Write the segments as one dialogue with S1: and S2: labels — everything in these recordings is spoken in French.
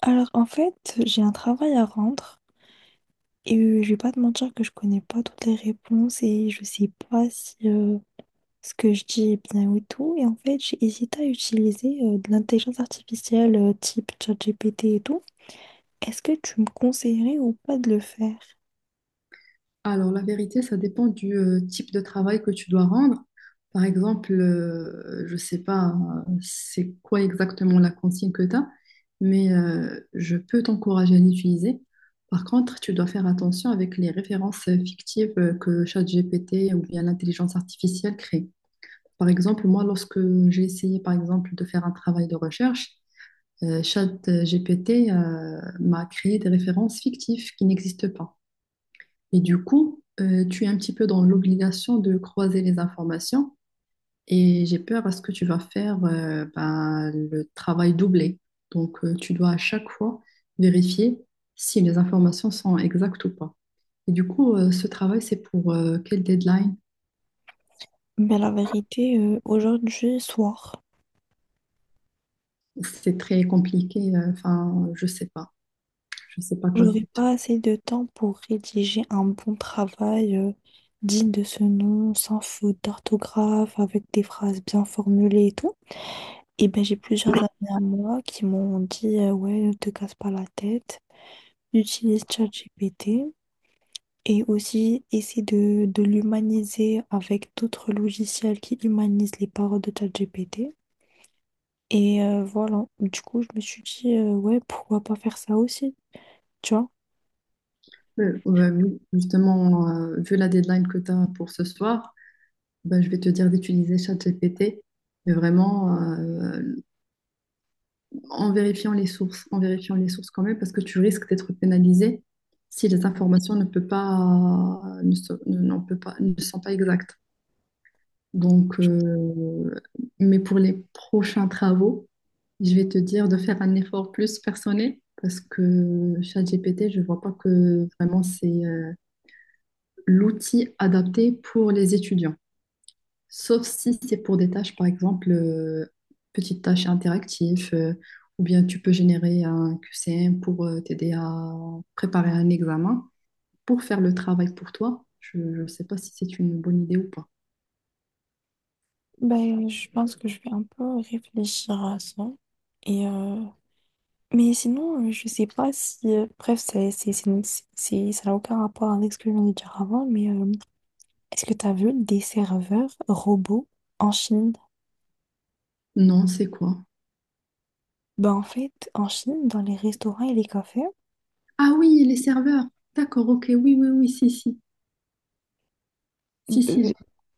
S1: Alors, en fait, j'ai un travail à rendre et je vais pas te mentir que je connais pas toutes les réponses et je sais pas si ce que je dis est bien ou tout. Et en fait, j'ai hésité à utiliser de l'intelligence artificielle type ChatGPT et tout. Est-ce que tu me conseillerais ou pas de le faire?
S2: Alors, la vérité, ça dépend du type de travail que tu dois rendre. Par exemple, je ne sais pas c'est quoi exactement la consigne que tu as, mais je peux t'encourager à l'utiliser. Par contre, tu dois faire attention avec les références fictives que ChatGPT ou bien l'intelligence artificielle crée. Par exemple, moi, lorsque j'ai essayé, par exemple, de faire un travail de recherche, ChatGPT m'a créé des références fictives qui n'existent pas. Et du coup, tu es un petit peu dans l'obligation de croiser les informations et j'ai peur à ce que tu vas faire ben, le travail doublé. Donc, tu dois à chaque fois vérifier si les informations sont exactes ou pas. Et du coup, ce travail, c'est pour quelle deadline?
S1: Mais la vérité, aujourd'hui soir,
S2: C'est très compliqué. Enfin, je sais pas. Je sais pas quoi.
S1: j'aurai pas assez de temps pour rédiger un bon travail digne de ce nom, sans faute d'orthographe, avec des phrases bien formulées et tout. Et ben, j'ai plusieurs amis à moi qui m'ont dit ouais, ne te casse pas la tête, utilise ChatGPT et aussi essaie de l'humaniser avec d'autres logiciels qui humanisent les paroles de ChatGPT. Et voilà, du coup, je me suis dit ouais, pourquoi pas faire ça aussi, tu vois?
S2: Ouais, oui, justement, vu la deadline que tu as pour ce soir, ben, je vais te dire d'utiliser ChatGPT. Mais vraiment, en vérifiant les sources, en vérifiant les sources quand même, parce que tu risques d'être pénalisé si les informations ne peut pas, ne, sont- ne- n'en peut pas, ne sont pas exactes. Donc, mais pour les prochains travaux, je vais te dire de faire un effort plus personnel parce que ChatGPT, je vois pas que vraiment c'est l'outil adapté pour les étudiants. Sauf si c'est pour des tâches, par exemple, petites tâches interactives, ou bien tu peux générer un QCM pour t'aider à préparer un examen, pour faire le travail pour toi. Je ne sais pas si c'est une bonne idée ou pas.
S1: Ben, je pense que je vais un peu réfléchir à ça. Et euh, Mais sinon, je sais pas si. Bref, ça n'a aucun rapport avec ce que je viens de dire avant, mais est-ce que tu as vu des serveurs robots en Chine?
S2: Non, c'est quoi?
S1: Ben, en fait, en Chine, dans les restaurants et les cafés,
S2: Ah oui, les serveurs. D'accord, ok, oui, oui, oui, si, si. Si, si,
S1: euh,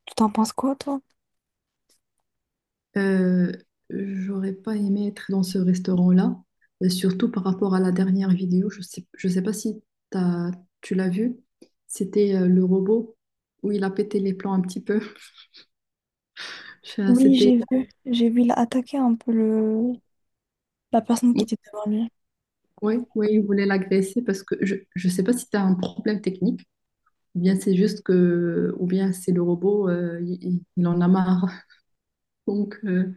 S1: tu t'en penses quoi, toi?
S2: Euh, j'aurais pas aimé être dans ce restaurant-là, et surtout par rapport à la dernière vidéo. Je sais pas si t'as- tu l'as vu. C'était le robot où il a pété les plans un petit peu.
S1: Oui,
S2: C'était,
S1: j'ai vu. J'ai vu, il a attaqué un peu le... la personne qui
S2: oui,
S1: était devant lui.
S2: oui, oui, il voulait l'agresser parce que je sais pas si tu as un problème technique, ou bien c'est juste que, ou bien c'est le robot, il en a marre. Donc,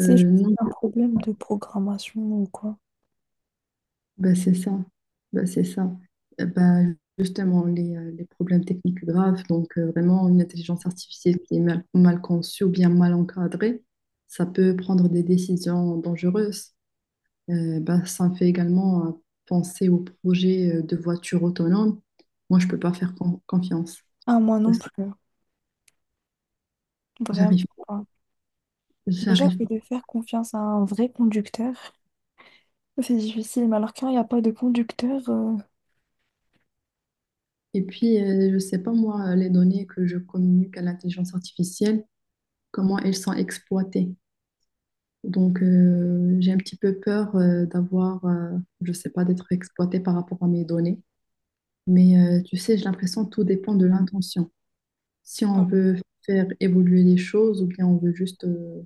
S1: C'est juste
S2: non.
S1: un problème de programmation ou quoi?
S2: Bah, c'est ça, bah, c'est ça. Bah, justement, les problèmes techniques graves, donc vraiment une intelligence artificielle qui est mal conçue ou bien mal encadrée, ça peut prendre des décisions dangereuses. Bah, ça me fait également penser au projet de voiture autonome. Moi, je peux pas faire confiance.
S1: Ah, moi non
S2: Parce que
S1: plus. Vraiment.
S2: j'arrive pas.
S1: Déjà
S2: J'arrive
S1: que
S2: pas.
S1: de faire confiance à un vrai conducteur, c'est difficile. Mais alors quand il n'y a pas de conducteur,
S2: Et puis, je sais pas, moi, les données que je communique à l'intelligence artificielle, comment elles sont exploitées. Donc, j'ai un petit peu peur d'avoir, je sais pas, d'être exploitée par rapport à mes données. Mais tu sais, j'ai l'impression que tout dépend de l'intention. Si on veut faire évoluer les choses ou bien on veut juste,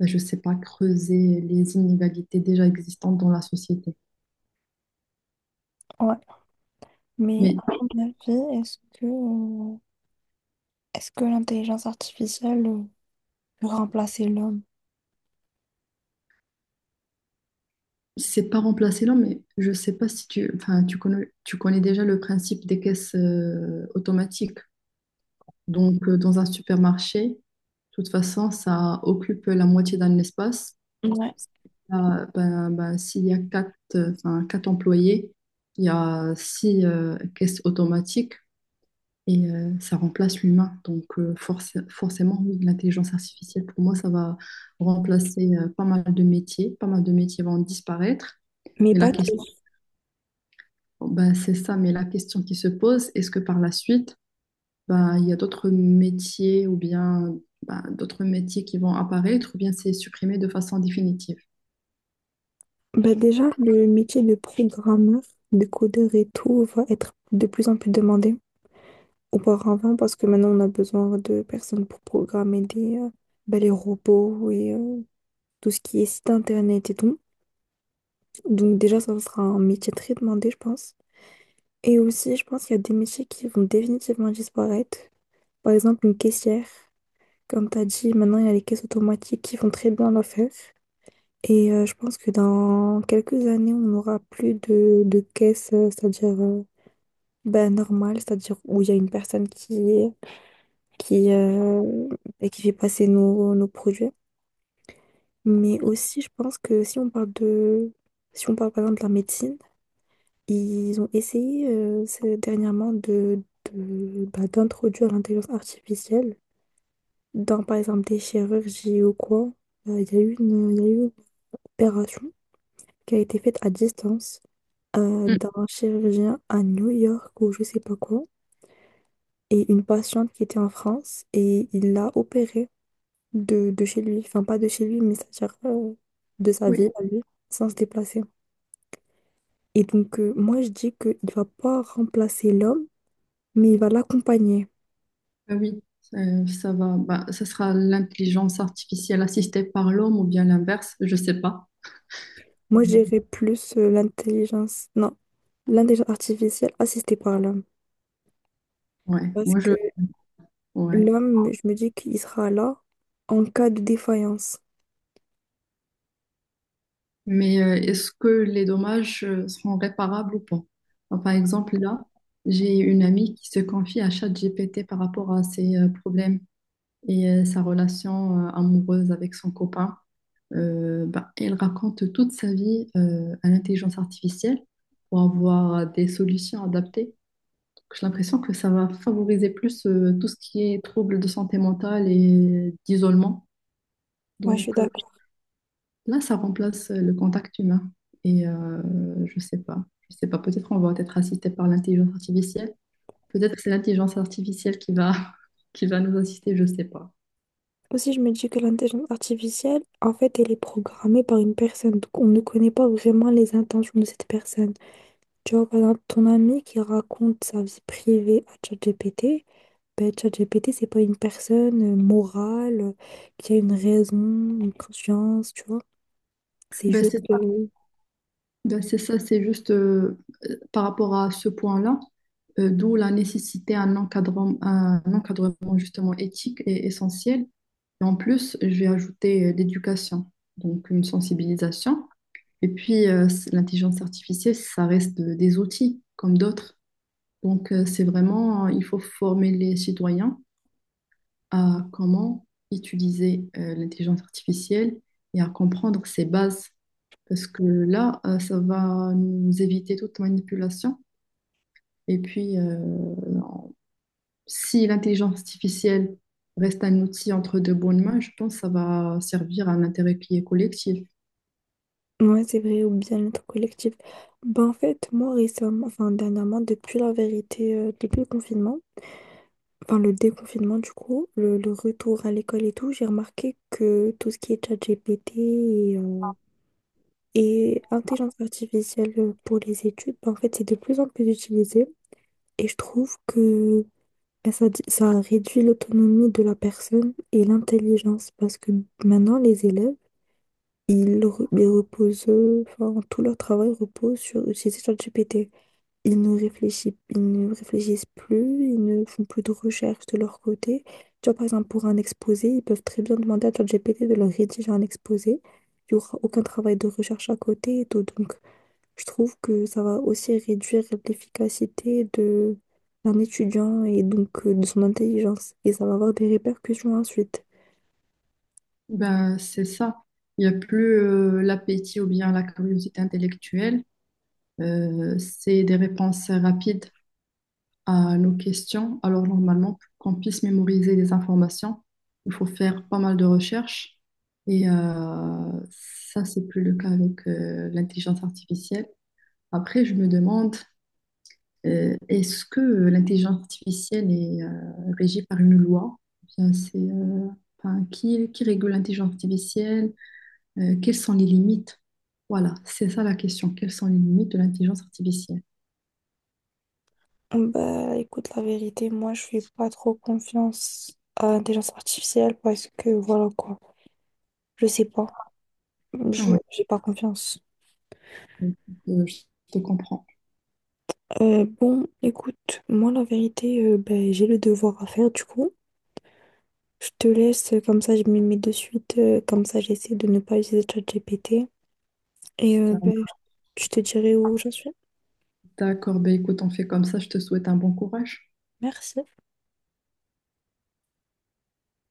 S2: ben, je sais pas, creuser les inégalités déjà existantes dans la société.
S1: ouais. Mais
S2: Mais
S1: à ton avis, est-ce que l'intelligence artificielle peut remplacer l'homme?
S2: c'est pas remplacer l'homme, mais je sais pas si tu, enfin, tu connais déjà le principe des caisses automatiques. Donc, dans un supermarché, de toute façon, ça occupe la moitié d'un espace.
S1: Ouais,
S2: Ah, ben, s'il y a quatre employés, il y a six caisses automatiques et ça remplace l'humain. Donc forcément, oui, l'intelligence artificielle, pour moi, ça va remplacer pas mal de métiers. Pas mal de métiers vont disparaître.
S1: mais
S2: Mais la
S1: pas
S2: question,
S1: tous.
S2: ben, c'est ça, mais la question qui se pose, est-ce que par la suite, ben, il y a d'autres métiers ou bien ben, d'autres métiers qui vont apparaître ou bien c'est supprimé de façon définitive?
S1: Bah déjà, le métier de programmeur, de codeur et tout va être de plus en plus demandé auparavant parce que maintenant on a besoin de personnes pour programmer des les robots et tout ce qui est site internet et tout. Donc déjà, ça sera un métier très demandé, je pense. Et aussi, je pense qu'il y a des métiers qui vont définitivement disparaître. Par exemple, une caissière. Comme tu as dit, maintenant, il y a les caisses automatiques qui font très bien l'affaire. Et je pense que dans quelques années, on n'aura plus de caisse, c'est-à-dire ben, normale, c'est-à-dire où il y a une personne qui et qui fait passer nos produits. Mais aussi, je pense que si on parle de... Si on parle par exemple de la médecine, ils ont essayé dernièrement de bah, d'introduire l'intelligence artificielle dans, par exemple, des chirurgies ou quoi. Il y a eu une opération qui a été faite à distance
S2: Mm.
S1: d'un chirurgien à New York ou je sais pas quoi, et une patiente qui était en France, et il l'a opérée de chez lui. Enfin, pas de chez lui, mais c'est-à-dire de sa
S2: Oui.
S1: ville à lui, sans se déplacer. Et donc, moi, je dis qu'il va pas remplacer l'homme, mais il va l'accompagner.
S2: Ah oui, ça va, bah, ça sera l'intelligence artificielle assistée par l'homme ou bien l'inverse, je sais pas.
S1: Moi, j'irais plus l'intelligence, non, l'intelligence artificielle assistée par l'homme.
S2: Ouais,
S1: Parce
S2: moi je,
S1: que
S2: ouais.
S1: l'homme, je me dis qu'il sera là en cas de défaillance.
S2: Mais est-ce que les dommages seront réparables ou pas? Enfin, par exemple, là, j'ai une amie qui se confie à ChatGPT par rapport à ses problèmes et sa relation amoureuse avec son copain. Bah, elle raconte toute sa vie à l'intelligence artificielle pour avoir des solutions adaptées. J'ai l'impression que ça va favoriser plus tout ce qui est troubles de santé mentale et d'isolement.
S1: Ouais, je suis
S2: Donc
S1: d'accord.
S2: là, ça remplace le contact humain. Et je sais pas, je sais pas. Peut-être on va être assisté par l'intelligence artificielle. Peut-être que c'est l'intelligence artificielle qui va qui va nous assister. Je sais pas.
S1: Aussi, je me dis que l'intelligence artificielle, en fait, elle est programmée par une personne. Donc, on ne connaît pas vraiment les intentions de cette personne. Tu vois, par exemple, ton ami qui raconte sa vie privée à ChatGPT, ben, ChatGPT, c'est pas une personne morale qui a une raison, une conscience, tu vois. C'est
S2: Ben,
S1: juste.
S2: c'est Ben, c'est ça, c'est juste par rapport à ce point-là, d'où la nécessité d'un encadrement, un encadrement justement éthique est essentiel. Et en plus, je vais ajouter l'éducation, donc une sensibilisation. Et puis, l'intelligence artificielle, ça reste des outils comme d'autres. Donc, il faut former les citoyens à comment utiliser l'intelligence artificielle et à comprendre ses bases. Parce que là, ça va nous éviter toute manipulation. Et puis, si l'intelligence artificielle reste un outil entre de bonnes mains, je pense que ça va servir à un intérêt qui est collectif.
S1: Ouais, c'est vrai, ou bien notre collectif. Ben, en fait, moi, récemment, enfin, dernièrement, depuis la vérité, depuis le confinement, enfin, le déconfinement, du coup, le retour à l'école et tout, j'ai remarqué que tout ce qui est ChatGPT et et intelligence artificielle pour les études, ben, en fait, c'est de plus en plus utilisé. Et je trouve que ben, ça réduit l'autonomie de la personne et l'intelligence parce que maintenant, les élèves, ils reposent, enfin, tout leur travail repose sur utiliser ChatGPT. Ils ne réfléchissent plus, ils ne font plus de recherche de leur côté. Tu vois, par exemple, pour un exposé, ils peuvent très bien demander à ChatGPT de leur rédiger un exposé. Il n'y aura aucun travail de recherche à côté et tout. Donc, je trouve que ça va aussi réduire l'efficacité de d'un étudiant et donc de son intelligence. Et ça va avoir des répercussions ensuite.
S2: Ben, c'est ça. Il n'y a plus l'appétit ou bien la curiosité intellectuelle. C'est des réponses rapides à nos questions. Alors, normalement, pour qu'on puisse mémoriser des informations, il faut faire pas mal de recherches. Et ça, c'est plus le cas avec l'intelligence artificielle. Après, je me demande, est-ce que l'intelligence artificielle est régie par une loi? Ou bien, qui régule l'intelligence artificielle? Quelles sont les limites? Voilà, c'est ça la question. Quelles sont les limites de l'intelligence artificielle?
S1: Bah, écoute, la vérité, moi, je fais pas trop confiance à l'intelligence artificielle parce que, voilà quoi, je sais pas, je
S2: Ouais,
S1: j'ai pas confiance.
S2: je te comprends.
S1: Bon, écoute, moi, la vérité, ben, j'ai le devoir à faire, du coup. Je te laisse, comme ça, je me mets de suite, comme ça, j'essaie de ne pas utiliser ChatGPT. Et
S2: Ça-
S1: ben, je te dirai où j'en suis.
S2: D'accord, ben écoute, on fait comme ça. Je te souhaite un bon courage.
S1: Merci.